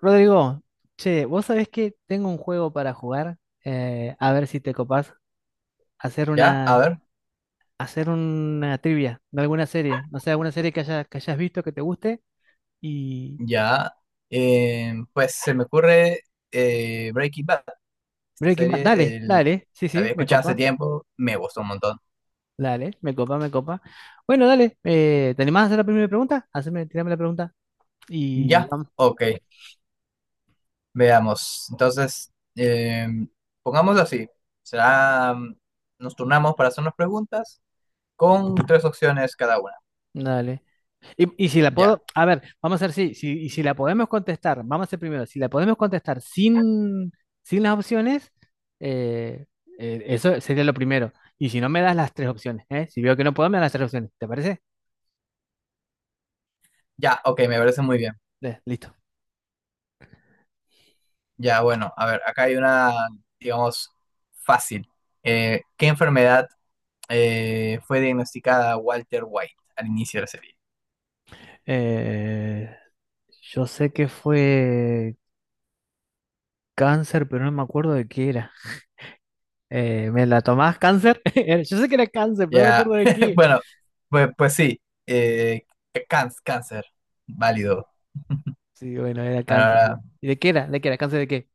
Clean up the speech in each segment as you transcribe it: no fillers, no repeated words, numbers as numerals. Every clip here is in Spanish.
Rodrigo, che, vos sabés que tengo un juego para jugar. A ver si te copás, hacer Ya, a una, ver, hacer una trivia de alguna serie, no sé, alguna serie que hayas visto que te guste y ya. Pues se me ocurre Breaking Bad. Esta Breaking Bad, serie dale, el- dale, sí, la sí, había me escuchado hace copa, tiempo, me gustó un montón. dale, me copa, me copa. Bueno, dale, ¿te animás a hacer la primera pregunta? Haceme, tirame la pregunta y Ya, vamos, ok, veamos. Entonces, pongámoslo así. Será, nos turnamos para hacernos preguntas con tres opciones cada una. dale. Y si la Ya, puedo, a ver, vamos a ver y si la podemos contestar, vamos a hacer primero, si la podemos contestar sin, sin las opciones, eh, eso sería lo primero. Y si no me das las tres opciones, ¿eh? Si veo que no puedo, me das las tres opciones, ¿te parece? ya, ok, me parece muy bien. Listo. Ya, bueno, a ver, acá hay una, digamos, fácil. ¿Qué enfermedad fue diagnosticada Walter White al inicio de la serie? Eh, yo sé que fue cáncer, pero no me acuerdo de qué era. ¿Me la tomás cáncer? Era- Yo sé que era cáncer, pero no me Ya, acuerdo de qué. bueno, pues, pues sí, eh, cáncer, válido. Sí, bueno, era cáncer, sí. Ahora, ¿Y de qué era? ¿De qué era? ¿Cáncer de qué?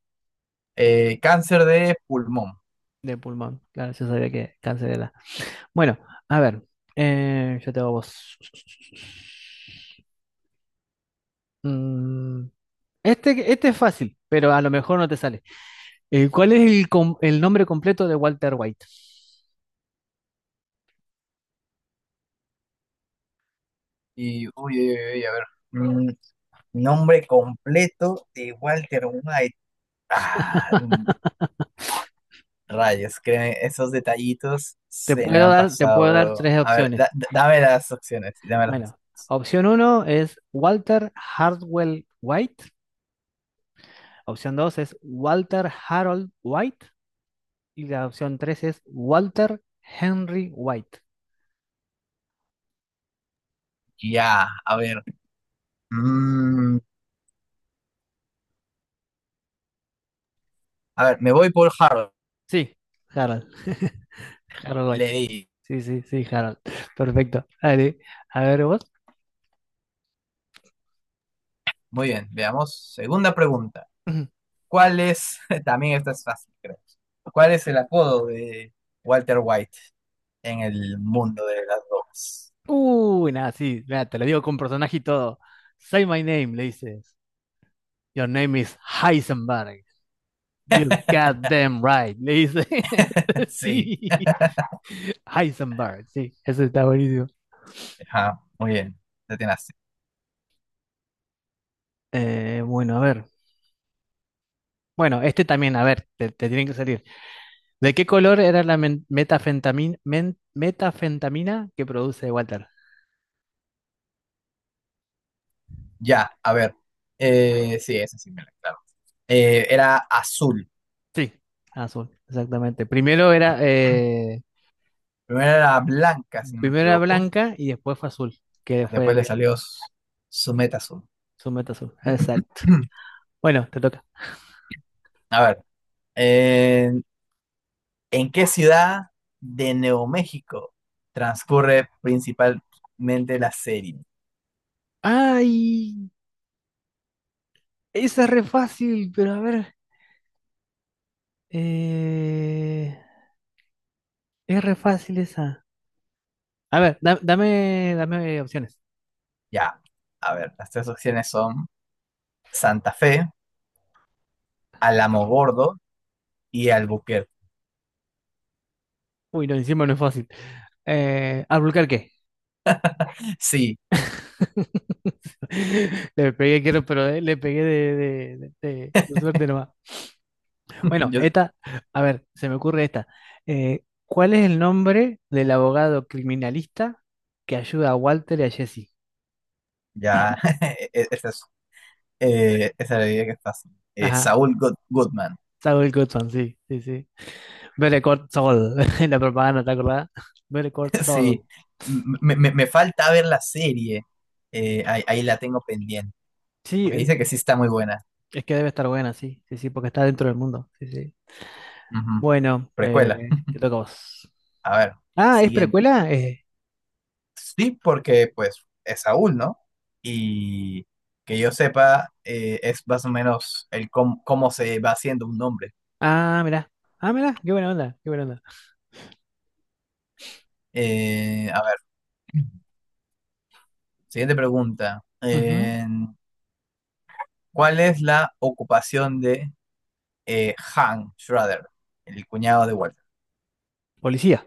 cáncer de pulmón. De pulmón. Claro, yo sabía que cáncer era. Bueno, a ver, yo te hago vos. Mm, este este es fácil, pero a lo mejor no te sale. ¿Cuál es el, com- el nombre completo de Walter White? Y, uy, uy, uy, a ver. mm, Nombre completo de Walter White. Ah, rayos, créeme, esos detallitos se me han Te pasado, puedo dar pero. tres A ver, opciones. Dame las opciones, dame las Bueno, opciones. opción uno es Walter Hardwell White. Opción dos es Walter Harold White. Y la opción tres es Walter Henry White. Ya, a ver. mm, a ver, me voy por Harold. Sí, Harold. Harold White. Leí. Sí, sí, sí, Harold. Perfecto. Dale, a ver vos. Muy bien, veamos. Segunda pregunta. ¿Cuál es, también esta es fácil, creo. ¿Cuál es el apodo de Walter White en el mundo de las drogas? Uy, nada, sí, mira, te lo digo con personaje y todo. Say my name, le dices. Your name is Heisenberg. You goddamn right, le dice. Sí, Sí, Heisenberg, sí, eso está buenísimo. ajá, muy bien, detenaste. Bueno, a ver. Bueno, este también, a ver, te tienen que salir. ¿De qué color era la metafentamina, metafentamina que produce Walter? Ya, a ver. Sí, esa sí me la claro. Era azul. Sí, azul, exactamente. Primero era blanca, si no me Primero era equivoco. blanca y después fue azul, que fue Después le el, salió su meta azul. su meta azul. Exacto. Bueno, te toca. A ver. eh, ¿En qué ciudad de Nuevo México transcurre principalmente la serie? ¡Ay! Esa es re fácil, pero a ver. eh, es re fácil esa. A ver, da- dame, dame opciones. Ya, a ver, las tres opciones son Santa Fe, Alamogordo y Albuquerque. Uy, no, encima no es fácil. ¿Albuquerque? Sí, Le pegué, quiero, pero le pegué de suerte nomás. Bueno, yo esta, a ver, se me ocurre esta. ¿Cuál es el nombre del abogado criminalista que ayuda a Walter y a Jesse? ya, e- e- esa es, esa es la idea que es fácil. Ajá, Saúl Goodman. Saul Goodman, sí, sí, sí. Better Call Saul, la propaganda, ¿te acordás? Better Call Sí, Saul. Me falta ver la serie. Ahí, ahí la tengo pendiente. Sí, Porque dice que sí está muy buena. es que debe estar buena, sí, sí, sí, porque está dentro del mundo, sí, sí. Ujú. Bueno, Precuela. Te toca a vos. A ver, la Ah, ¿es siguiente. precuela? Sí, porque pues es Saúl, ¿no? Y que yo sepa, es más o menos el cómo, cómo se va haciendo un nombre. ah, mirá, ah, mirá, qué buena onda, qué buena onda. A ver, siguiente pregunta. Ujú. ¿Cuál es la ocupación de Han Schrader, el cuñado de Walter? Policía.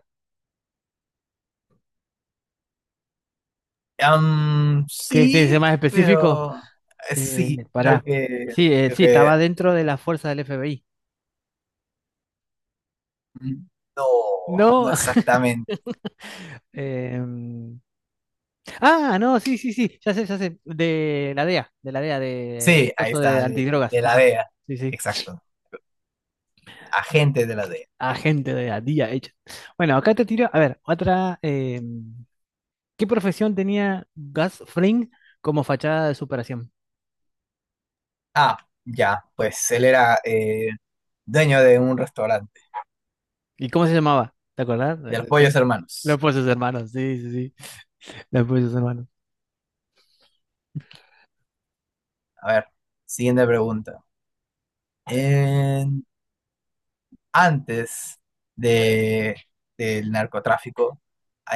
Am, ¿Qué tiene que ser sí, más específico? pero sí, Pará. Sí, creo sí, que estaba dentro de la fuerza del FBI. mm, no, No. no exactamente. em, ah, no, sí, sí, sí, ya sé, de la DEA, de la DEA, de Sí, ahí coso de está, antidrogas, de la ajá, DEA, sí, sí. exacto. Agente de la DEA. Agente de la DIA hecha. Bueno, acá te tiro, a ver, otra. ¿Qué profesión tenía Gus Fring como fachada de superación? Ah, ya, pues él era dueño de un restaurante, ¿Y cómo se llamaba? ¿Te acordás? de los Pollos Los Hermanos. sus hermanos, sí, sí, sí. Los sus hermanos. A ver, siguiente pregunta. En- Antes de, del narcotráfico,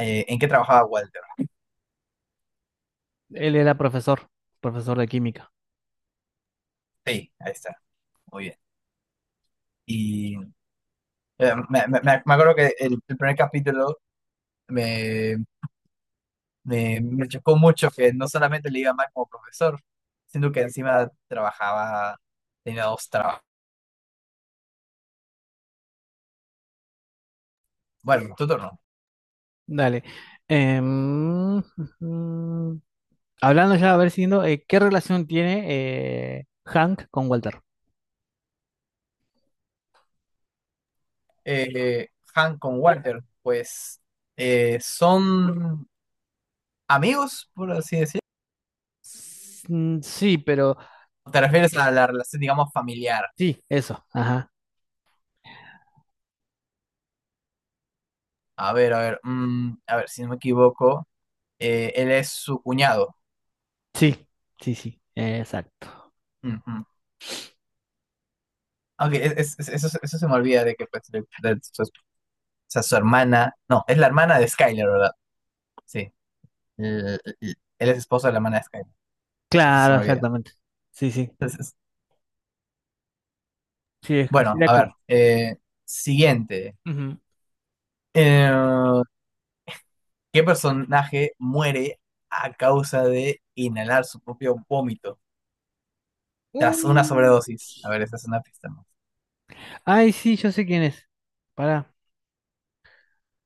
¿en qué trabajaba Walter? Él era profesor, profesor de química. Sí, ahí está, muy bien. Y me acuerdo que el primer capítulo me, me chocó mucho que no solamente le iba mal como profesor, sino que encima trabajaba, tenía dos trabajos. Bueno, tu turno. Dale. Ujú. Hablando ya, a ver, siguiendo, ¿qué relación tiene Hank con Walter? eh, Han con Walter, pues son amigos, por así decirlo. Sí, pero ¿Te refieres a la relación, digamos, familiar? sí, eso, ajá. A ver, si no me equivoco, él es su cuñado. Sí, sí, sí, exacto. Ujú. Ok, eso, eso se me olvida de que pues, de su, o sea, su hermana, no, es la hermana de Skyler, ¿verdad? Sí, él es esposo de la hermana de Skyler, eso se Claro, me olvida. exactamente. Sí, sí. Entonces, Sí, es que bueno, sería a ver, como. Siguiente. Ujú. Eh, ¿Qué personaje muere a causa de inhalar su propio vómito tras una Uh, sobredosis? A ver, esa es una pista más. Ay, sí, yo sé quién es. Pará.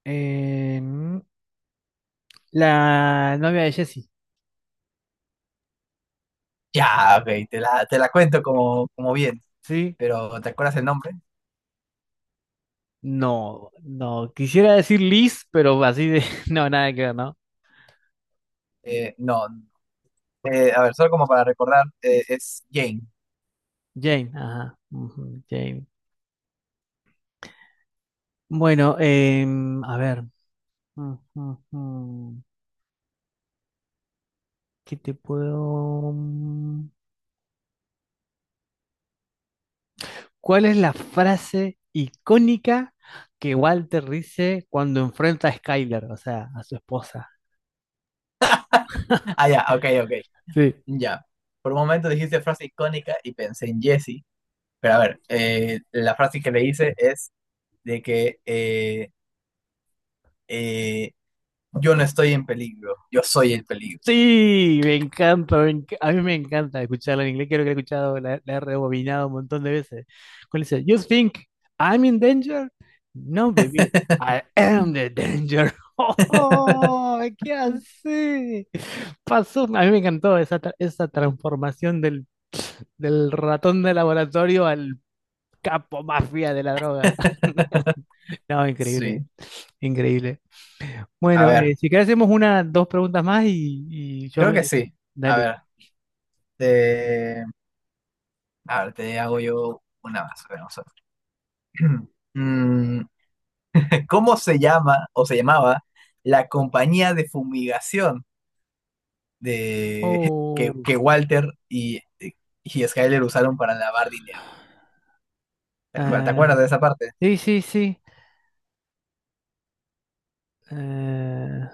Eh, mm, la novia de Jesse. Ya, ok, te la cuento como, como bien, ¿Sí? pero ¿te acuerdas el nombre? No, no. Quisiera decir Liz, pero así de. No, nada que ver, ¿no? No. A ver, solo como para recordar, es Jane. Jane, ajá. Ujú, Jane. Bueno, a ver. Ujú, ujú. ¿Qué te puedo? Mm? ¿Cuál es la frase icónica que Walter dice cuando enfrenta a Skyler, o sea, a su esposa? Ah, ya, ok, ok, Sí. ya. Por un momento dijiste frase icónica y pensé en Jesse, pero a ver, la frase que le hice es de que eh, yo no estoy en peligro, yo soy el peligro. Sí, me encanta, me enc- a mí me encanta escucharla en inglés, creo que la he escuchado, la he rebobinado un montón de veces. Cuando dice, You think I'm in danger? No, baby, I am the danger. ¡Oh, qué así! Pasó, a mí me encantó esa, tra- esa transformación del, del ratón de laboratorio al Capo mafia de la droga. No, increíble, Sí. increíble. A Bueno, ver, si querés hacemos una, dos preguntas más y yo creo que me... sí. A Dale. ver, te- a ver, te hago yo una más. A ver, vamos a ver. Mm, ¿Cómo se llama o se llamaba la compañía de fumigación de Oh, que Walter y Skyler usaron para lavar dinero? Te ah, acuerdas de esa parte? sí, sí, sí. Eh,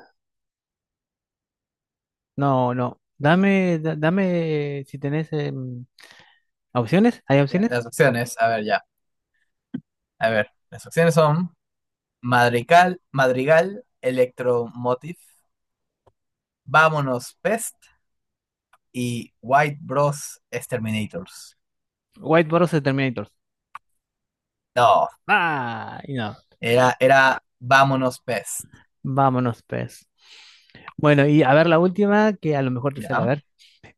no, no. Dame, da- dame si tenés opciones. ¿Hay Ya, opciones? las opciones, a ver, ya. A ver, las opciones son Madrigal, Madrigal, Electromotive, Vámonos Pest y White Bros. Exterminators. White Boros de Terminators. No, Ah, y no. era, era Vámonos Pest. Vámonos, pues. Bueno, y a ver la última, que a lo mejor te sale. A Ya, ver.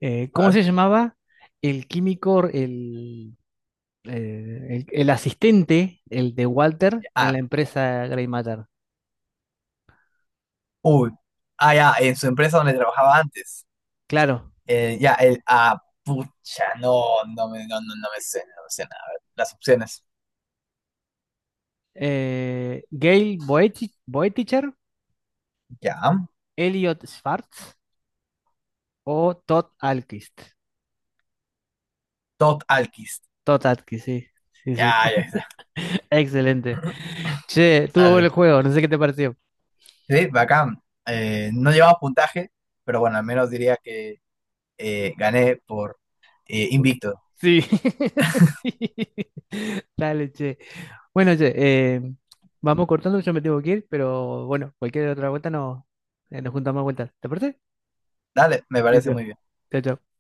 A ¿Cómo ver. se llamaba el químico, el asistente, el de Walter, Ya, en ah, la empresa Grey Matter. uy. Ah, ya, en su empresa donde trabajaba antes. Claro. Ya, el. Ah, pucha, no me sé, no me sé nada. A ver, las opciones. Gail Boetich- Boeticher, Ya. Elliot Schwartz o Todd Alquist. Todd Alquist. Todd Alquist, sí. Sí, sí. Ya, ya está. Excelente. Che, estuvo bueno Dale. el juego, no sé qué te pareció. Sí, bacán. No llevaba puntaje, pero bueno, al menos diría que gané por invicto. Sí. Sí. Dale, che. Bueno, che, eh, vamos cortando, yo me tengo que ir, pero bueno, cualquier otra vuelta no, nos juntamos más vueltas. ¿Te parece? Dale, me parece Listo. muy bien. Chao, chao.